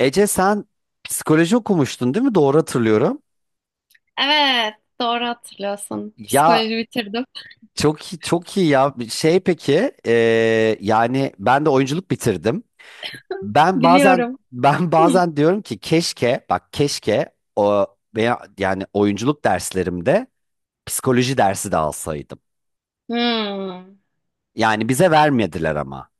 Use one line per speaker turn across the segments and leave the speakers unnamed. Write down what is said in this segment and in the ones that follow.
Ece sen psikoloji okumuştun değil mi? Doğru hatırlıyorum.
Evet, doğru hatırlıyorsun.
Ya
Psikoloji bitirdim.
çok iyi, çok iyi ya. Şey peki yani ben de oyunculuk bitirdim. Ben bazen
Biliyorum.
ben
Hı.
bazen diyorum ki keşke bak keşke o veya yani oyunculuk derslerimde psikoloji dersi de alsaydım.
Hmm.
Yani bize
A-
vermediler ama.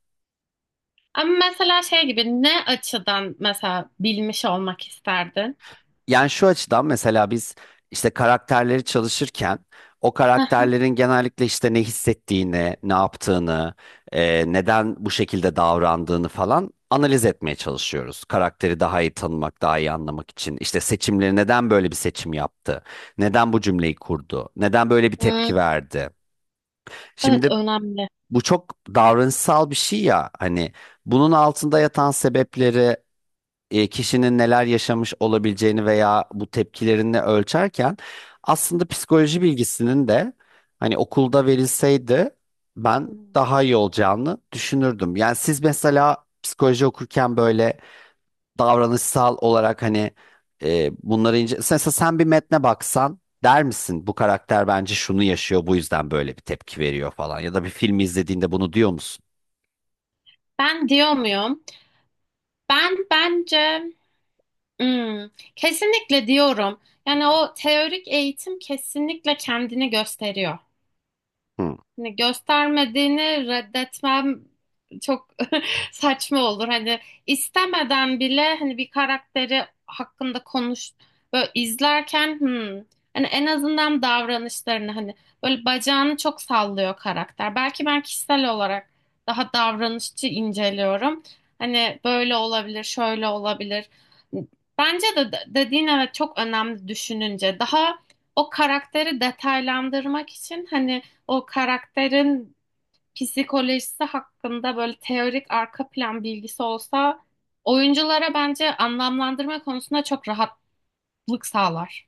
Ama mesela şey gibi ne açıdan mesela bilmiş olmak isterdin?
Yani şu açıdan mesela biz işte karakterleri çalışırken o
Hı hı.
karakterlerin genellikle işte ne hissettiğini, ne yaptığını, neden bu şekilde davrandığını falan analiz etmeye çalışıyoruz. Karakteri daha iyi tanımak, daha iyi anlamak için. İşte seçimleri neden böyle bir seçim yaptı? Neden bu cümleyi kurdu? Neden böyle bir
Hmm.
tepki verdi?
Evet,
Şimdi
önemli.
bu çok davranışsal bir şey ya hani bunun altında yatan sebepleri kişinin neler yaşamış olabileceğini veya bu tepkilerini ölçerken aslında psikoloji bilgisinin de hani okulda verilseydi ben
Hmm.
daha iyi olacağını düşünürdüm. Yani siz mesela psikoloji okurken böyle davranışsal olarak hani bunları ince... Mesela sen bir metne baksan der misin bu karakter bence şunu yaşıyor bu yüzden böyle bir tepki veriyor falan ya da bir filmi izlediğinde bunu diyor musun?
Ben diyor muyum? Ben bence hmm, kesinlikle diyorum. Yani o teorik eğitim kesinlikle kendini gösteriyor.
Hı.
Hani göstermediğini reddetmem çok saçma olur. Hani istemeden bile hani bir karakteri hakkında konuş böyle izlerken hani en azından davranışlarını hani böyle bacağını çok sallıyor karakter. Belki ben kişisel olarak daha davranışçı inceliyorum. Hani böyle olabilir, şöyle olabilir. Bence de dediğin evet çok önemli düşününce. Daha o karakteri detaylandırmak için hani o karakterin psikolojisi hakkında böyle teorik arka plan bilgisi olsa oyunculara bence anlamlandırma konusunda çok rahatlık sağlar.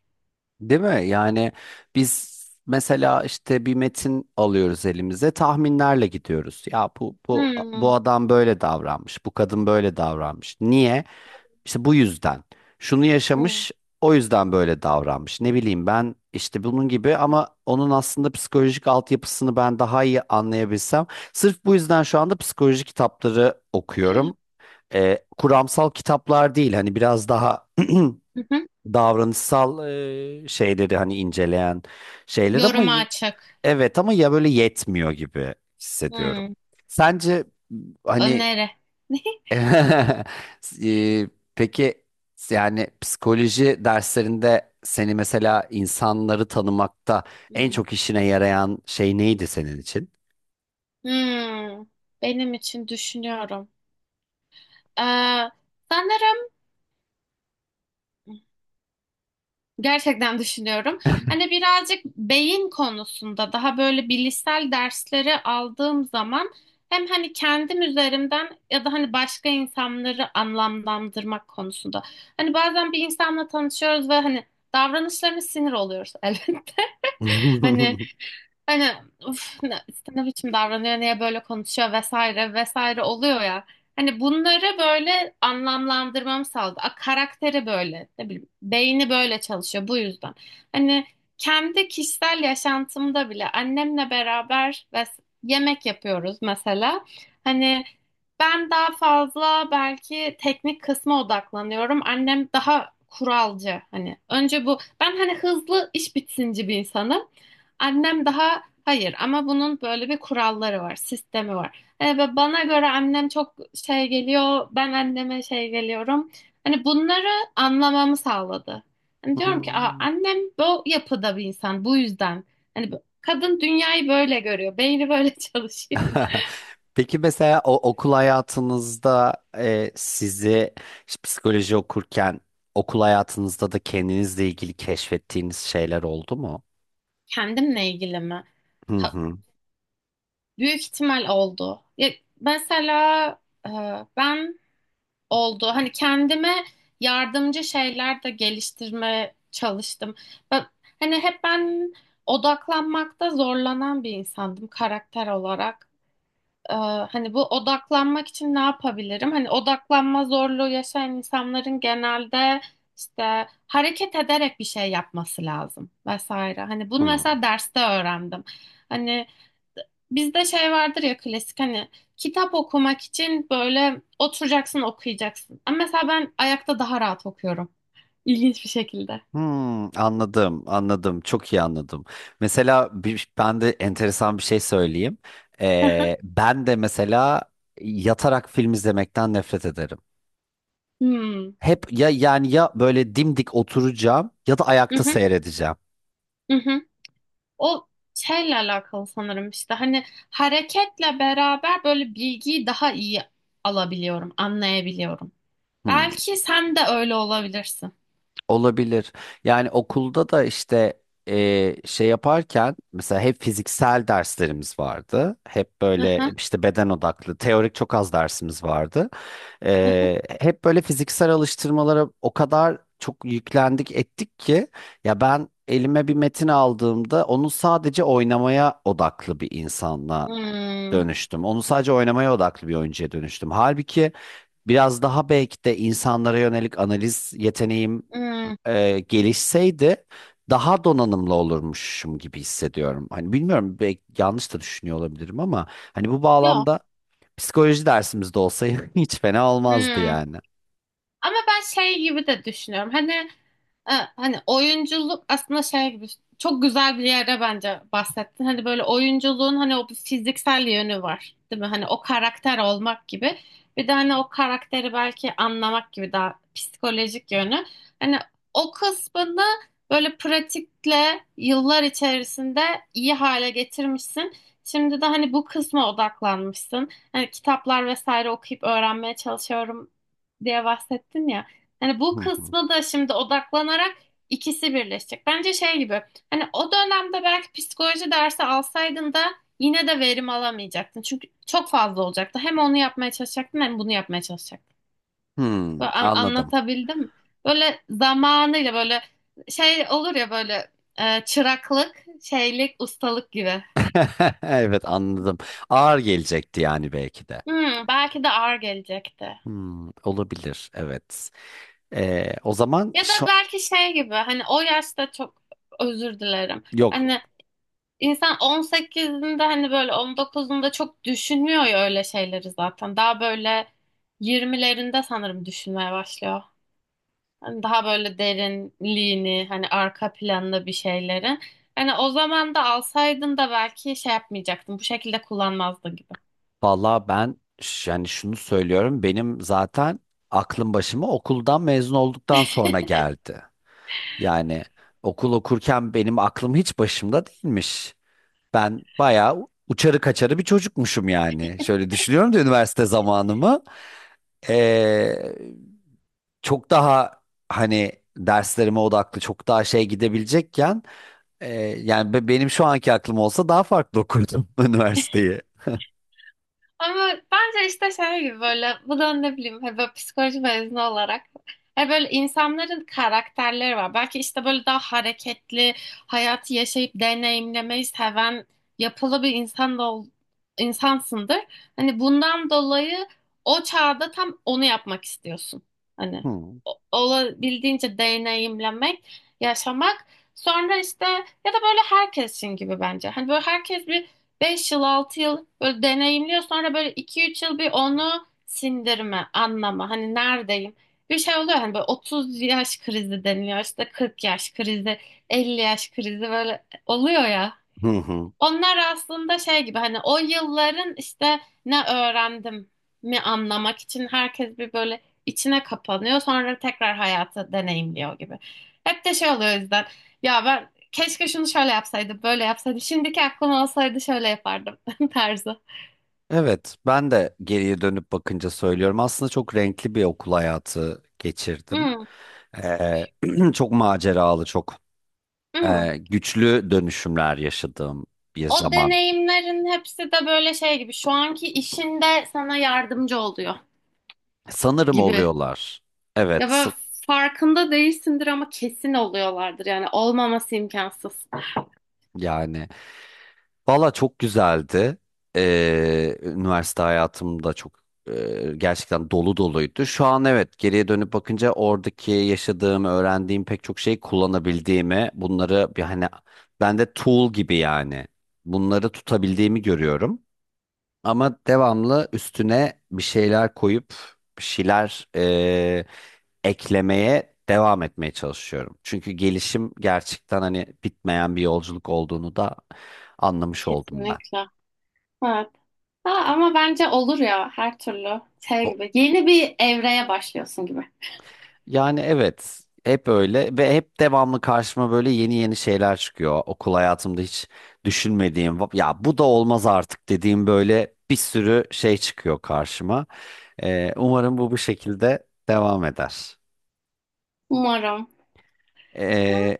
Değil mi? Yani biz mesela işte bir metin alıyoruz elimize, tahminlerle gidiyoruz. Ya bu bu
Hmm.
bu adam böyle davranmış, bu kadın böyle davranmış. Niye? İşte bu yüzden. Şunu
Hmm.
yaşamış, o yüzden böyle davranmış. Ne bileyim ben işte bunun gibi ama onun aslında psikolojik altyapısını ben daha iyi anlayabilsem. Sırf bu yüzden şu anda psikoloji kitapları okuyorum. Kuramsal kitaplar değil, hani biraz daha
Hı hı.
davranışsal, şeyleri hani inceleyen şeyler ama
Yoruma açık.
evet ama ya böyle yetmiyor gibi hissediyorum.
Hmm.
Sence hani
Öneri.
e, peki yani psikoloji derslerinde seni mesela insanları tanımakta en
Hmm.
çok işine yarayan şey neydi senin için?
Hmm. Benim için düşünüyorum. Ee, sanırım gerçekten düşünüyorum. Hani birazcık beyin konusunda daha böyle bilişsel dersleri aldığım zaman hem hani kendim üzerimden ya da hani başka insanları anlamlandırmak konusunda. Hani bazen bir insanla tanışıyoruz ve hani davranışlarına sinir oluyoruz elbette. Hani Hani uf, ne, işte ne biçim davranıyor, niye böyle konuşuyor vesaire vesaire oluyor ya. Hani bunları böyle anlamlandırmam sağladı. A, karakteri böyle, ne bileyim, beyni böyle çalışıyor bu yüzden. Hani kendi kişisel yaşantımda bile annemle beraber yemek yapıyoruz mesela. Hani ben daha fazla belki teknik kısma odaklanıyorum. Annem daha kuralcı hani. Önce bu ben hani hızlı iş bitsinci bir insanım. Annem daha hayır ama bunun böyle bir kuralları var, sistemi var. E, ve bana göre annem çok şey geliyor, ben anneme şey geliyorum. Hani bunları anlamamı sağladı. Hani diyorum ki aa,
Hmm.
annem bu yapıda bir insan bu yüzden. Hani kadın dünyayı böyle görüyor, beyni böyle çalışıyor.
Peki mesela o okul hayatınızda sizi işte psikoloji okurken okul hayatınızda da kendinizle ilgili keşfettiğiniz şeyler oldu mu?
Kendimle ilgili mi?
Hı
Ta-
hı.
büyük ihtimal oldu. Ya, mesela e, ben oldu. Hani kendime yardımcı şeyler de geliştirmeye çalıştım. Ben, hani hep ben odaklanmakta zorlanan bir insandım karakter olarak. Ee, hani bu odaklanmak için ne yapabilirim? Hani odaklanma zorluğu yaşayan insanların genelde işte hareket ederek bir şey yapması lazım vesaire. Hani bunu
Hı.
mesela derste öğrendim. Hani bizde şey vardır ya klasik hani kitap okumak için böyle oturacaksın okuyacaksın. Ama mesela ben ayakta daha rahat okuyorum. İlginç bir şekilde.
Hmm, anladım, anladım. Çok iyi anladım. Mesela bir, ben de enteresan bir şey söyleyeyim.
Hı hı.
Ben de mesela yatarak film izlemekten nefret ederim.
Hmm.
Hep ya yani ya böyle dimdik oturacağım ya da ayakta
Mhm,
seyredeceğim.
mhm. O şeyle alakalı sanırım işte hani hareketle beraber böyle bilgiyi daha iyi alabiliyorum, anlayabiliyorum.
Hmm.
Belki sen de öyle olabilirsin.
Olabilir. Yani okulda da işte şey yaparken mesela hep fiziksel derslerimiz vardı. Hep böyle
Aha,
işte beden odaklı, teorik çok az dersimiz vardı.
aha.
E, hep böyle fiziksel alıştırmalara o kadar çok yüklendik ettik ki ya ben elime bir metin aldığımda onu sadece oynamaya odaklı bir insanla
Hmm.
dönüştüm. Onu sadece oynamaya odaklı bir oyuncuya dönüştüm. Halbuki biraz daha belki de insanlara yönelik analiz yeteneğim
Hmm.
gelişseydi daha donanımlı olurmuşum gibi hissediyorum. Hani bilmiyorum belki yanlış da düşünüyor olabilirim ama hani bu
Yok.
bağlamda psikoloji dersimizde olsaydı hiç fena olmazdı
Hmm.
yani.
Ama ben şey gibi de düşünüyorum. Hani e, hani oyunculuk aslında şey gibi çok güzel bir yere bence bahsettin. Hani böyle oyunculuğun hani o bir fiziksel yönü var, değil mi? Hani o karakter olmak gibi. Bir de hani o karakteri belki anlamak gibi daha psikolojik yönü. Hani o kısmını böyle pratikle yıllar içerisinde iyi hale getirmişsin. Şimdi de hani bu kısma odaklanmışsın. Hani kitaplar vesaire okuyup öğrenmeye çalışıyorum diye bahsettin ya. Hani bu
Hı hı.
kısmı da şimdi odaklanarak ikisi birleşecek. Bence şey gibi hani o dönemde belki psikoloji dersi alsaydın da yine de verim alamayacaktın. Çünkü çok fazla olacaktı. Hem onu yapmaya çalışacaktın hem bunu yapmaya çalışacaktın.
Hmm,
Böyle
anladım.
anlatabildim mi? Böyle zamanıyla böyle şey olur ya böyle çıraklık, şeylik, ustalık gibi.
Evet, anladım. Ağır gelecekti yani belki de.
Hmm, belki de ağır gelecekti.
Hmm, olabilir evet. O zaman
Ya da
şu
belki şey gibi hani o yaşta çok özür dilerim. Hani
yok,
İnsan 18'inde hani böyle 19'unda çok düşünmüyor ya öyle şeyleri zaten. Daha böyle 20'lerinde sanırım düşünmeye başlıyor. Hani daha böyle derinliğini, hani arka planlı bir şeyleri. Hani o zaman da alsaydın da belki şey yapmayacaktın. Bu şekilde kullanmazdın gibi.
vallahi ben yani şunu söylüyorum, benim zaten aklım başıma okuldan mezun olduktan sonra geldi. Yani okul okurken benim aklım hiç başımda değilmiş. Ben bayağı uçarı kaçarı bir çocukmuşum yani. Şöyle düşünüyorum da üniversite zamanımı. Ee, Çok daha hani derslerime odaklı, çok daha şey gidebilecekken e, yani benim şu anki aklım olsa daha farklı okurdum üniversiteyi.
Ama bence işte şey gibi böyle bu da ne bileyim hani böyle psikoloji mezunu olarak hani böyle insanların karakterleri var. Belki işte böyle daha hareketli hayatı yaşayıp deneyimlemeyi seven yapılı bir insan da insansındır. Hani bundan dolayı o çağda tam onu yapmak istiyorsun. Hani
Hmm.
olabildiğince deneyimlemek, yaşamak. Sonra işte ya da böyle herkesin gibi bence. Hani böyle herkes bir beş yıl 6 yıl böyle deneyimliyor sonra böyle iki üç yıl bir onu sindirme anlama hani neredeyim bir şey oluyor hani böyle 30 yaş krizi deniliyor işte 40 yaş krizi 50 yaş krizi böyle oluyor ya
Hı hı.
onlar aslında şey gibi hani o yılların işte ne öğrendim mi anlamak için herkes bir böyle içine kapanıyor sonra tekrar hayatı deneyimliyor gibi. Hep de şey oluyor o yüzden ya ben keşke şunu şöyle yapsaydım böyle yapsaydım şimdiki aklım olsaydı şöyle yapardım tarzı.
Evet, ben de geriye dönüp bakınca söylüyorum. Aslında çok renkli bir okul hayatı geçirdim.
Hmm.
Ee, çok maceralı, çok,
Hmm.
güçlü dönüşümler yaşadığım bir
O
zaman.
deneyimlerin hepsi de böyle şey gibi şu anki işinde sana yardımcı oluyor
Sanırım
gibi.
oluyorlar.
Ya
Evet,
böyle farkında değilsindir ama kesin oluyorlardır yani olmaması imkansız.
yani valla çok güzeldi. Üniversite hayatım da çok, gerçekten dolu doluydu. Şu an evet geriye dönüp bakınca oradaki yaşadığım, öğrendiğim pek çok şeyi kullanabildiğimi, bunları bir hani bende tool gibi yani bunları tutabildiğimi görüyorum. Ama devamlı üstüne bir şeyler koyup bir şeyler eklemeye devam etmeye çalışıyorum. Çünkü gelişim gerçekten hani bitmeyen bir yolculuk olduğunu da anlamış oldum ben.
Kesinlikle. Evet. Ha, ama bence olur ya her türlü şey
O,
gibi. Yeni bir evreye başlıyorsun gibi.
yani evet hep öyle ve hep devamlı karşıma böyle yeni yeni şeyler çıkıyor. Okul hayatımda hiç düşünmediğim, ya bu da olmaz artık" dediğim böyle bir sürü şey çıkıyor karşıma. Umarım bu bu şekilde devam eder.
Umarım.
Ee,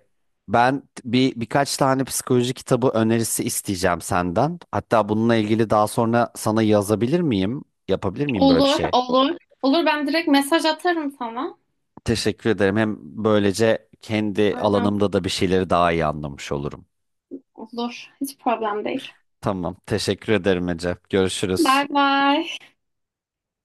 Ben birkaç tane psikoloji kitabı önerisi isteyeceğim senden. Hatta bununla ilgili daha sonra sana yazabilir miyim? Yapabilir miyim böyle bir
Olur,
şey?
olur. Olur ben direkt mesaj atarım sana.
Teşekkür ederim. Hem böylece kendi
Aynen.
alanımda da bir şeyleri daha iyi anlamış olurum.
Olur. Hiç problem değil.
Tamam, teşekkür ederim Ece. Görüşürüz.
Bay bay.